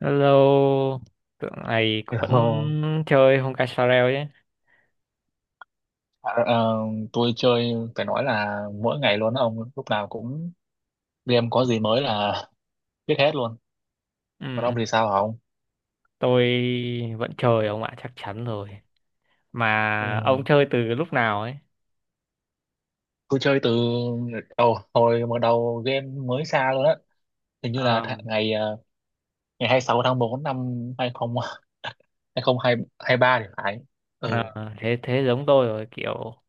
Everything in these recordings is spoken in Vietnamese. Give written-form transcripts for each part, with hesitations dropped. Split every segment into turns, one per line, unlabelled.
Hello, tượng này vẫn
Hello.
chơi Honkai Star Rail chứ?
À, ờ, tôi chơi phải nói là mỗi ngày luôn đó ông, lúc nào cũng game có gì mới là biết hết luôn. Còn ông
Ừ,
thì sao hả ông?
tôi vẫn chơi ông ạ, chắc chắn rồi.
Ừ.
Mà ông chơi từ lúc nào ấy?
Tôi chơi từ đầu, hồi mà đầu game mới ra luôn á, hình như là
Ờ,
ngày ngày 26 tháng 4 năm 2023 thì phải.
ờ,
Ừ.
thế thế giống tôi rồi, kiểu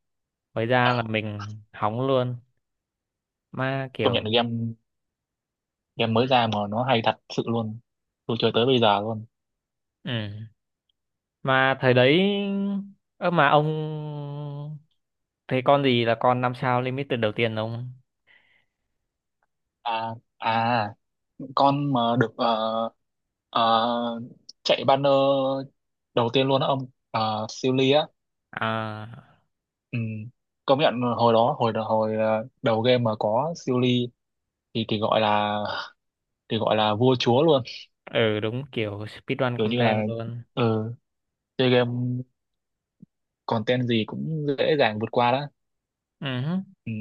mới ra là
à,
mình hóng luôn. Mà
Công
kiểu,
nhận là game game
ừ,
mới ra mà nó hay thật sự luôn, tôi chơi tới bây giờ luôn.
ừ. Mà thời đấy, ơ mà ông thấy con gì là con năm sao limited đầu tiên ông?
à à con mà được ờ, chạy banner đầu tiên luôn á ông, siêu ly á.
À,
Ừ. Công nhận hồi đó hồi hồi ờ, đầu game mà có siêu ly thì thì gọi là thì gọi là vua chúa luôn.
ừ đúng kiểu speedrun
Kiểu như là
content luôn.
ừ, chơi game content gì cũng dễ dàng vượt qua đó.
Ừ, hứ.
Ừ.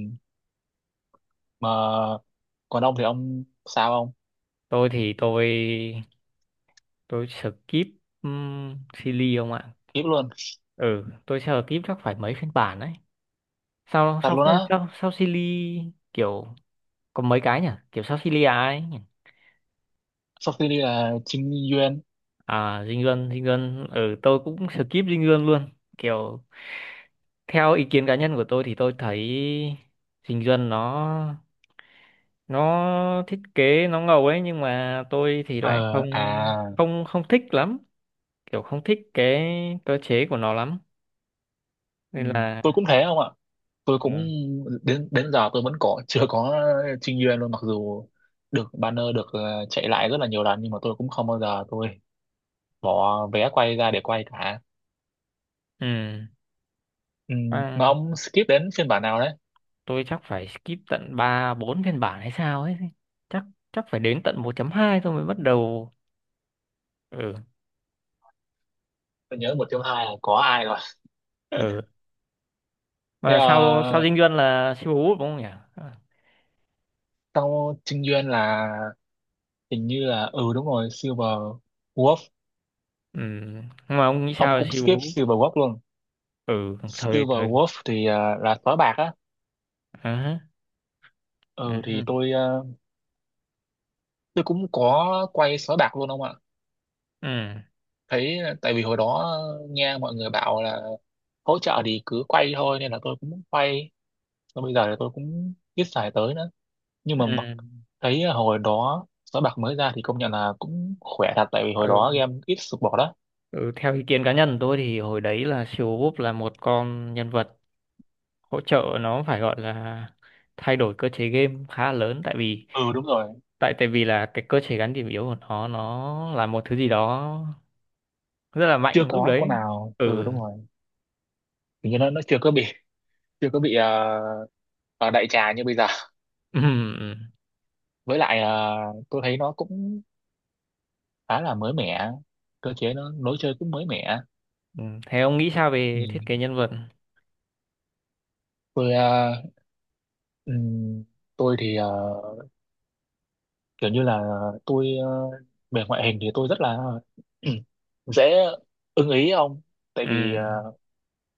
Mà còn ông thì ông sao ông?
Tôi thì tôi skip Silly không ạ.
Tiếp luôn,
Ừ, tôi skip chắc phải mấy phiên bản đấy, sao
thật
sau
luôn
phiên
á.
sau sau Silly, kiểu có mấy cái nhỉ, kiểu sau Silly à ấy nhỉ?
Sau khi đi là Trinh Nguyên.
À, Dinh Luân. Dinh Luân, ừ tôi cũng skip Dinh Luân luôn, kiểu theo ý kiến cá nhân của tôi thì tôi thấy Dinh Luân nó thiết kế nó ngầu ấy, nhưng mà tôi thì lại
ờ
không,
à
không thích lắm, kiểu không thích cái cơ chế của nó lắm
ừ.
nên là
Tôi cũng thế không ạ, tôi
ờ,
cũng đến đến giờ tôi vẫn có chưa có Trinh Nguyên luôn, mặc dù được banner, được chạy lại rất là nhiều lần, nhưng mà tôi cũng không bao giờ tôi bỏ vé quay ra để quay cả.
ừ.
Ừ, mà
À,
ông skip đến phiên bản nào đấy?
tôi chắc phải skip tận 3 4 phiên bản hay sao ấy. Chắc chắc phải đến tận 1.2 tôi mới bắt đầu. Ừ
Tôi nhớ một trong hai là có ai rồi.
ừ.
Thế
Mà sau sau Dinh Duân là siêu Hú đúng không nhỉ? À,
sau Trinh Nguyên là hình như là ừ đúng rồi silver wolf.
ừ. Nhưng mà ông nghĩ
Ông
sao về
cũng
siêu
skip
Hú?
silver wolf luôn.
Ừ, thời
Silver
thời.
wolf thì là sói bạc á.
À,
Ừ thì
ừ.
tôi tôi cũng có quay sói bạc luôn ông ạ.
Ừ.
Thấy tại vì hồi đó nghe mọi người bảo là hỗ trợ thì cứ quay thôi, nên là tôi cũng quay. Và bây giờ thì tôi cũng ít xài tới nữa, nhưng
Ừ.
mà
Ừ.
thấy hồi đó sới bạc mới ra thì công nhận là cũng khỏe thật, tại vì hồi đó
Ừ.
game ít sụp bỏ đó.
Ừ, theo ý kiến cá nhân của tôi thì hồi đấy là siêu Hú là một con nhân vật hỗ trợ nó phải gọi là thay đổi cơ chế game khá lớn, tại vì
Ừ đúng rồi,
tại tại vì là cái cơ chế gắn điểm yếu của nó là một thứ gì đó rất là
chưa
mạnh lúc
có con
đấy.
nào. Ừ
Ừ
đúng rồi, hình như nó chưa có bị, chưa có bị ở đại trà như bây giờ.
ừ ừ.
Với lại tôi thấy nó cũng khá là mới mẻ, cơ chế nó lối chơi cũng mới mẻ.
Ừ. Thế ông nghĩ sao về thiết
Ừ.
kế nhân vật?
Tôi ừ, tôi thì kiểu như là tôi về ngoại hình thì tôi rất là dễ ưng ý ông, tại
Ừ,
vì ờ,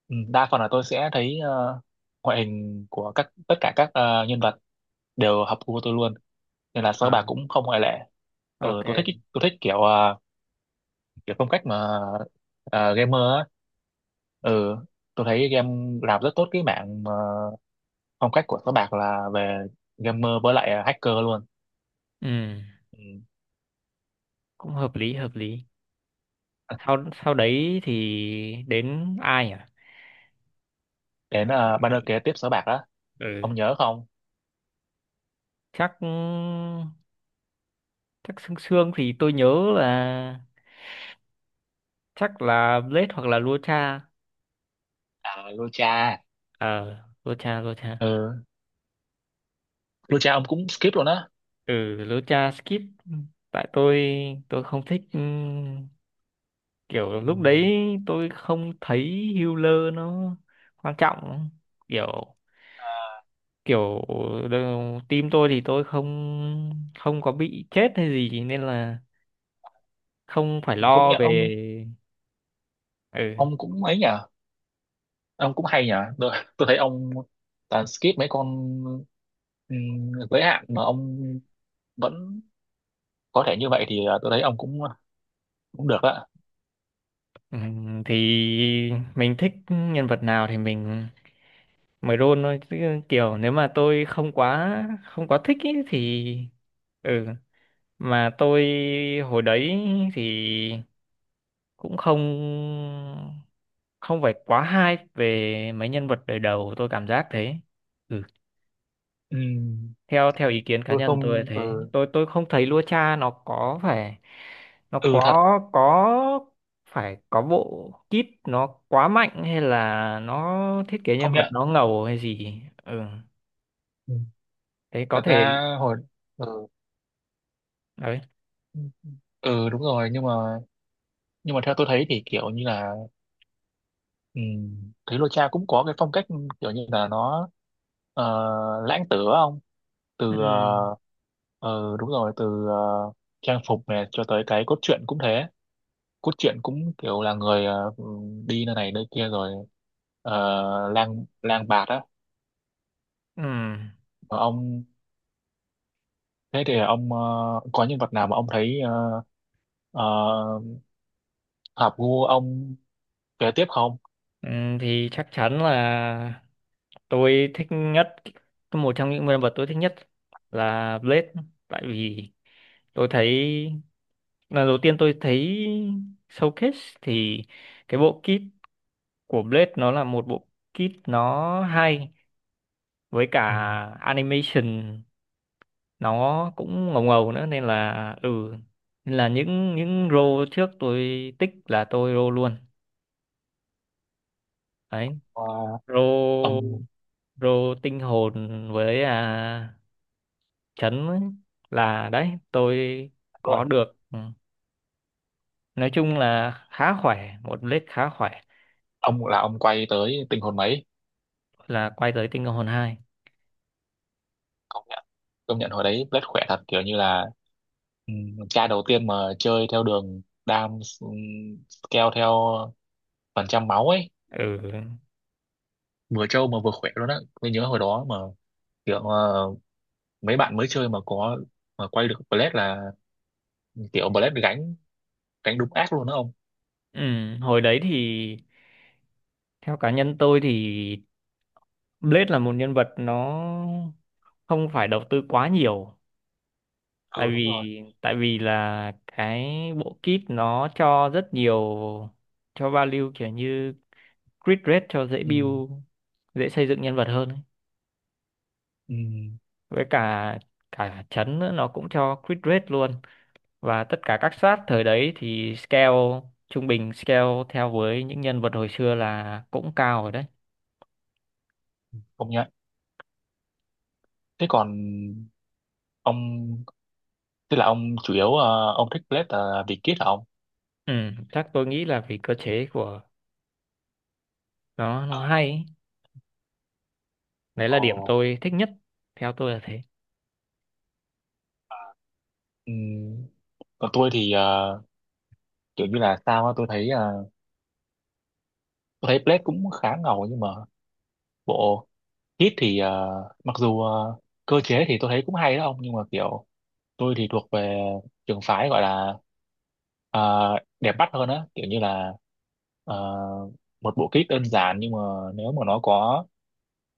ừ, đa phần là tôi sẽ thấy ngoại hình của tất cả các nhân vật đều hợp gu tôi luôn, nên là sao
à,
bạc cũng không ngoại lệ. Ừ,
ok.
tôi thích kiểu kiểu phong cách mà gamer á. Ừ, tôi thấy game làm rất tốt cái mảng mà phong cách của Sới Bạc là về gamer với lại hacker luôn.
Ừ,
Ừ.
cũng hợp lý hợp lý. Sau sau đấy thì đến ai à?
Đến
Ờ,
banner kế tiếp Sới Bạc đó,
ừ,
ông nhớ không?
chắc chắc xương xương thì tôi nhớ là chắc là Blade hoặc là Lucha.
À, Lucha.
Ờ, Lucha Lucha
Ừ, Lucha ông cũng skip luôn á.
Ừ, Lucha skip, tại tôi không thích kiểu
Ừ.
lúc đấy tôi không thấy healer nó quan trọng, kiểu
À,
kiểu đờ- team tôi thì tôi không không có bị chết hay gì nên là không phải
mà công
lo
nhận ông
về. Ừ.
ông cũng ấy nhờ, ông cũng hay nhờ tôi thấy ông toàn skip mấy con ừ, giới hạn mà ông vẫn có thể như vậy thì tôi thấy ông cũng cũng được á.
Thì mình thích nhân vật nào thì mình mới roll thôi. Chứ kiểu nếu mà tôi không quá thích ý, thì ừ mà tôi hồi đấy thì cũng không, không phải quá hay về mấy nhân vật đời đầu, tôi cảm giác thế. Ừ.
Ừ,
theo theo ý kiến cá
tôi
nhân tôi là
không,
thế,
ừ,
tôi không thấy Lua Cha nó có phải, nó
ừ thật
có phải có bộ kit nó quá mạnh hay là nó thiết kế nhân
không
vật
nhận.
nó ngầu hay gì. Ừ,
Ừ.
thế có
Thật
thể
ra hồi ừ,
đấy.
ừ đúng rồi, nhưng mà, nhưng mà theo tôi thấy thì kiểu như là ừ. Thế lô cha cũng có cái phong cách, kiểu như là nó ờ, lãng tử không? Từ
Ừ.
đúng rồi, từ trang phục này cho tới cái cốt truyện cũng thế. Cốt truyện cũng kiểu là người đi nơi này nơi kia rồi ờ, lang lang bạt á.
Ừ.
Mà ông, thế thì ông có nhân vật nào mà ông thấy ờ, hợp gu ông kế tiếp không?
Ừ, thì chắc chắn là tôi thích nhất, một trong những nhân vật tôi thích nhất là Blade, tại vì tôi thấy lần đầu tiên tôi thấy Showcase thì cái bộ kit của Blade nó là một bộ kit nó hay, với cả
Ừ.
animation nó cũng ngầu ngầu nữa nên là ừ, nên là những role trước tôi tích là tôi role luôn đấy,
Ờ,
role
ông
rô tinh hồn với à, chấn ấy, là đấy tôi có
luôn,
được. Ừ. Nói chung là khá khỏe, một lết khá khỏe,
ông là ông quay tới tình hồn mấy?
là quay tới tinh hồn hai.
công nhận công nhận hồi đấy rất khỏe thật, kiểu như là ừ, ca đầu tiên mà chơi theo đường đam, ừ, scale theo phần trăm máu ấy,
Ừ.
vừa trâu mà vừa khỏe luôn á. Tôi nhớ hồi đó mà kiểu mấy bạn mới chơi mà có mà quay được Blade là kiểu Blade gánh gánh đúng ác luôn đó ông.
Ừ, hồi đấy thì theo cá nhân tôi thì Blade là một nhân vật nó không phải đầu tư quá nhiều, tại
Ừ đúng
vì
rồi,
tại vì là cái bộ kit nó cho rất nhiều, cho value kiểu như grid rate cho dễ
ừ,
build, dễ xây dựng nhân vật hơn ấy.
ừ,
Với cả cả chấn nữa, nó cũng cho grid rate luôn, và tất cả các sát thời đấy thì scale trung bình, scale theo với những nhân vật hồi xưa là cũng cao rồi đấy.
công nhận. Thế còn ông, tức là ông chủ yếu ông thích Blade là vì kit hả ông?
Ừ, chắc tôi nghĩ là vì cơ chế của nó
Ờ.
hay ấy. Đấy là điểm
Ồ.
tôi thích nhất, theo tôi là thế.
Ừ. Còn tôi thì kiểu như là sao á, tôi thấy Blade cũng khá ngầu nhưng mà bộ Hit thì mặc dù cơ chế thì tôi thấy cũng hay đó ông, nhưng mà kiểu tôi thì thuộc về trường phái gọi là ờ, đẹp mắt hơn á, kiểu như là ờ, một bộ kit đơn giản nhưng mà nếu mà nó có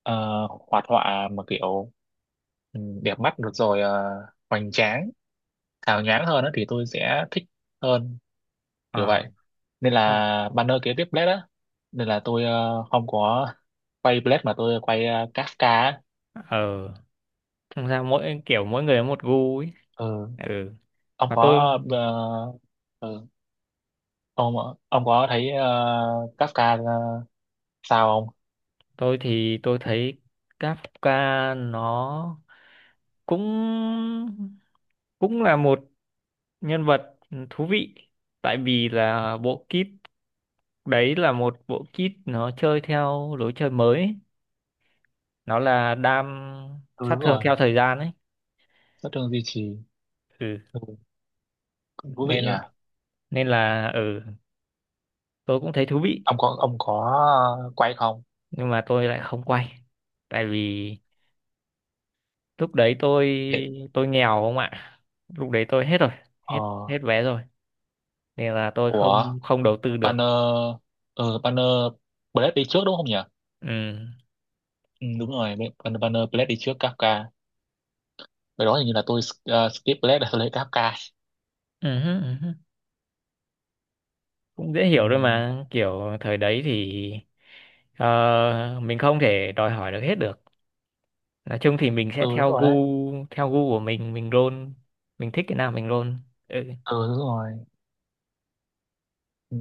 ờ, hoạt họa mà kiểu ừ, đẹp mắt được rồi hoành tráng hào nhoáng hơn á thì tôi sẽ thích hơn, kiểu
À
vậy. Nên
không,
là banner kế tiếp Blade á, nên là tôi không có quay Blade mà tôi quay Kafka á.
ờ, thực ra mỗi kiểu mỗi người có một gu ấy.
Ừ,
Ừ,
ông
mà tôi
có ừ, ông ông có thấy Kafka sao không?
tôi thì tôi thấy Kafka nó cũng, cũng là một nhân vật thú vị, tại vì là bộ kit đấy là một bộ kit nó chơi theo lối chơi mới ấy. Nó là đam
Ừ
sát
đúng
thương
rồi,
theo thời gian ấy.
rất thương duy trì.
Ừ.
Ừ. Cũng thú vị
Nên
nhỉ.
nên là ừ, tôi cũng thấy thú vị.
Ông có, ông có quay không?
Nhưng mà tôi lại không quay, tại vì lúc đấy
Để,
tôi nghèo không ạ, lúc đấy tôi hết rồi, hết,
ờ,
hết vé rồi, nên là tôi
ủa,
không, không đầu tư được.
banner, ừ, banner Blade đi trước đúng không nhỉ?
Ừ.
Ừ, đúng rồi, banner banner Blade đi trước Kafka. Cái đó hình như là tôi skip Blade để tôi lấy Kafka.
Ừ. Cũng dễ
Ừ.
hiểu thôi mà, kiểu thời đấy thì ờ, mình không thể đòi hỏi được hết được. Nói chung thì mình sẽ
Ừ đúng
theo
rồi
gu,
đấy.
theo gu của mình roll, mình thích cái nào mình roll. Ừ.
Ừ đúng rồi. Ừ.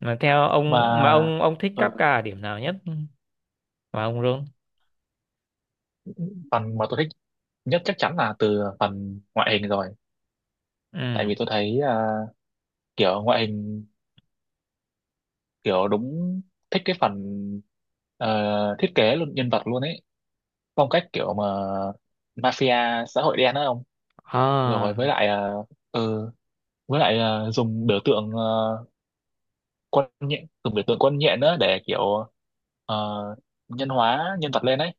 Mà theo
Và
ông, mà ông thích
ờ,
Kafka ở điểm nào nhất mà ông roll?
phần mà tôi thích nhất chắc chắn là từ phần ngoại hình rồi. Tại
Ừ,
vì tôi thấy à, kiểu ngoại hình, kiểu đúng, thích cái phần ờ, thiết kế luôn nhân vật luôn ấy, phong cách kiểu mà mafia xã hội đen đó không? Rồi
à,
với lại ừ, với lại dùng biểu tượng quân nhện, dùng biểu tượng quân nhện nữa để kiểu ờ, nhân hóa nhân vật lên ấy.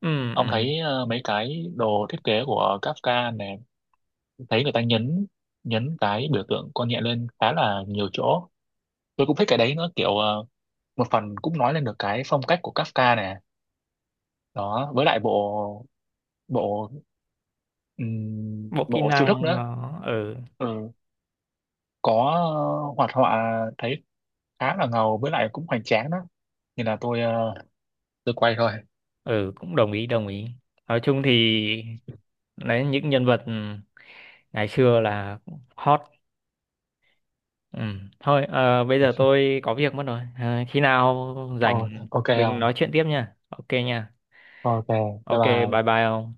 ừ
Ông
ừ
thấy mấy cái đồ thiết kế của Kafka này, thấy người ta nhấn nhấn cái biểu tượng con nhện lên khá là nhiều chỗ. Tôi cũng thích cái đấy nữa, kiểu một phần cũng nói lên được cái phong cách của Kafka này đó. Với lại bộ bộ
bộ kỹ
bộ chiêu thức
năng
nữa.
nó ừ.
Ừ, có hoạt họa thấy khá là ngầu, với lại cũng hoành tráng đó, nên là tôi tôi quay thôi.
Ừ, cũng đồng ý đồng ý, nói chung thì đấy những nhân vật ngày xưa là hot. Ừ. Thôi, ờ, bây giờ tôi có việc mất rồi. Ờ, khi nào
Ồ,
rảnh
ok
mình nói
không.
chuyện tiếp nha. Ok nha.
Ok, bye
Ok, bye
bye.
bye ông.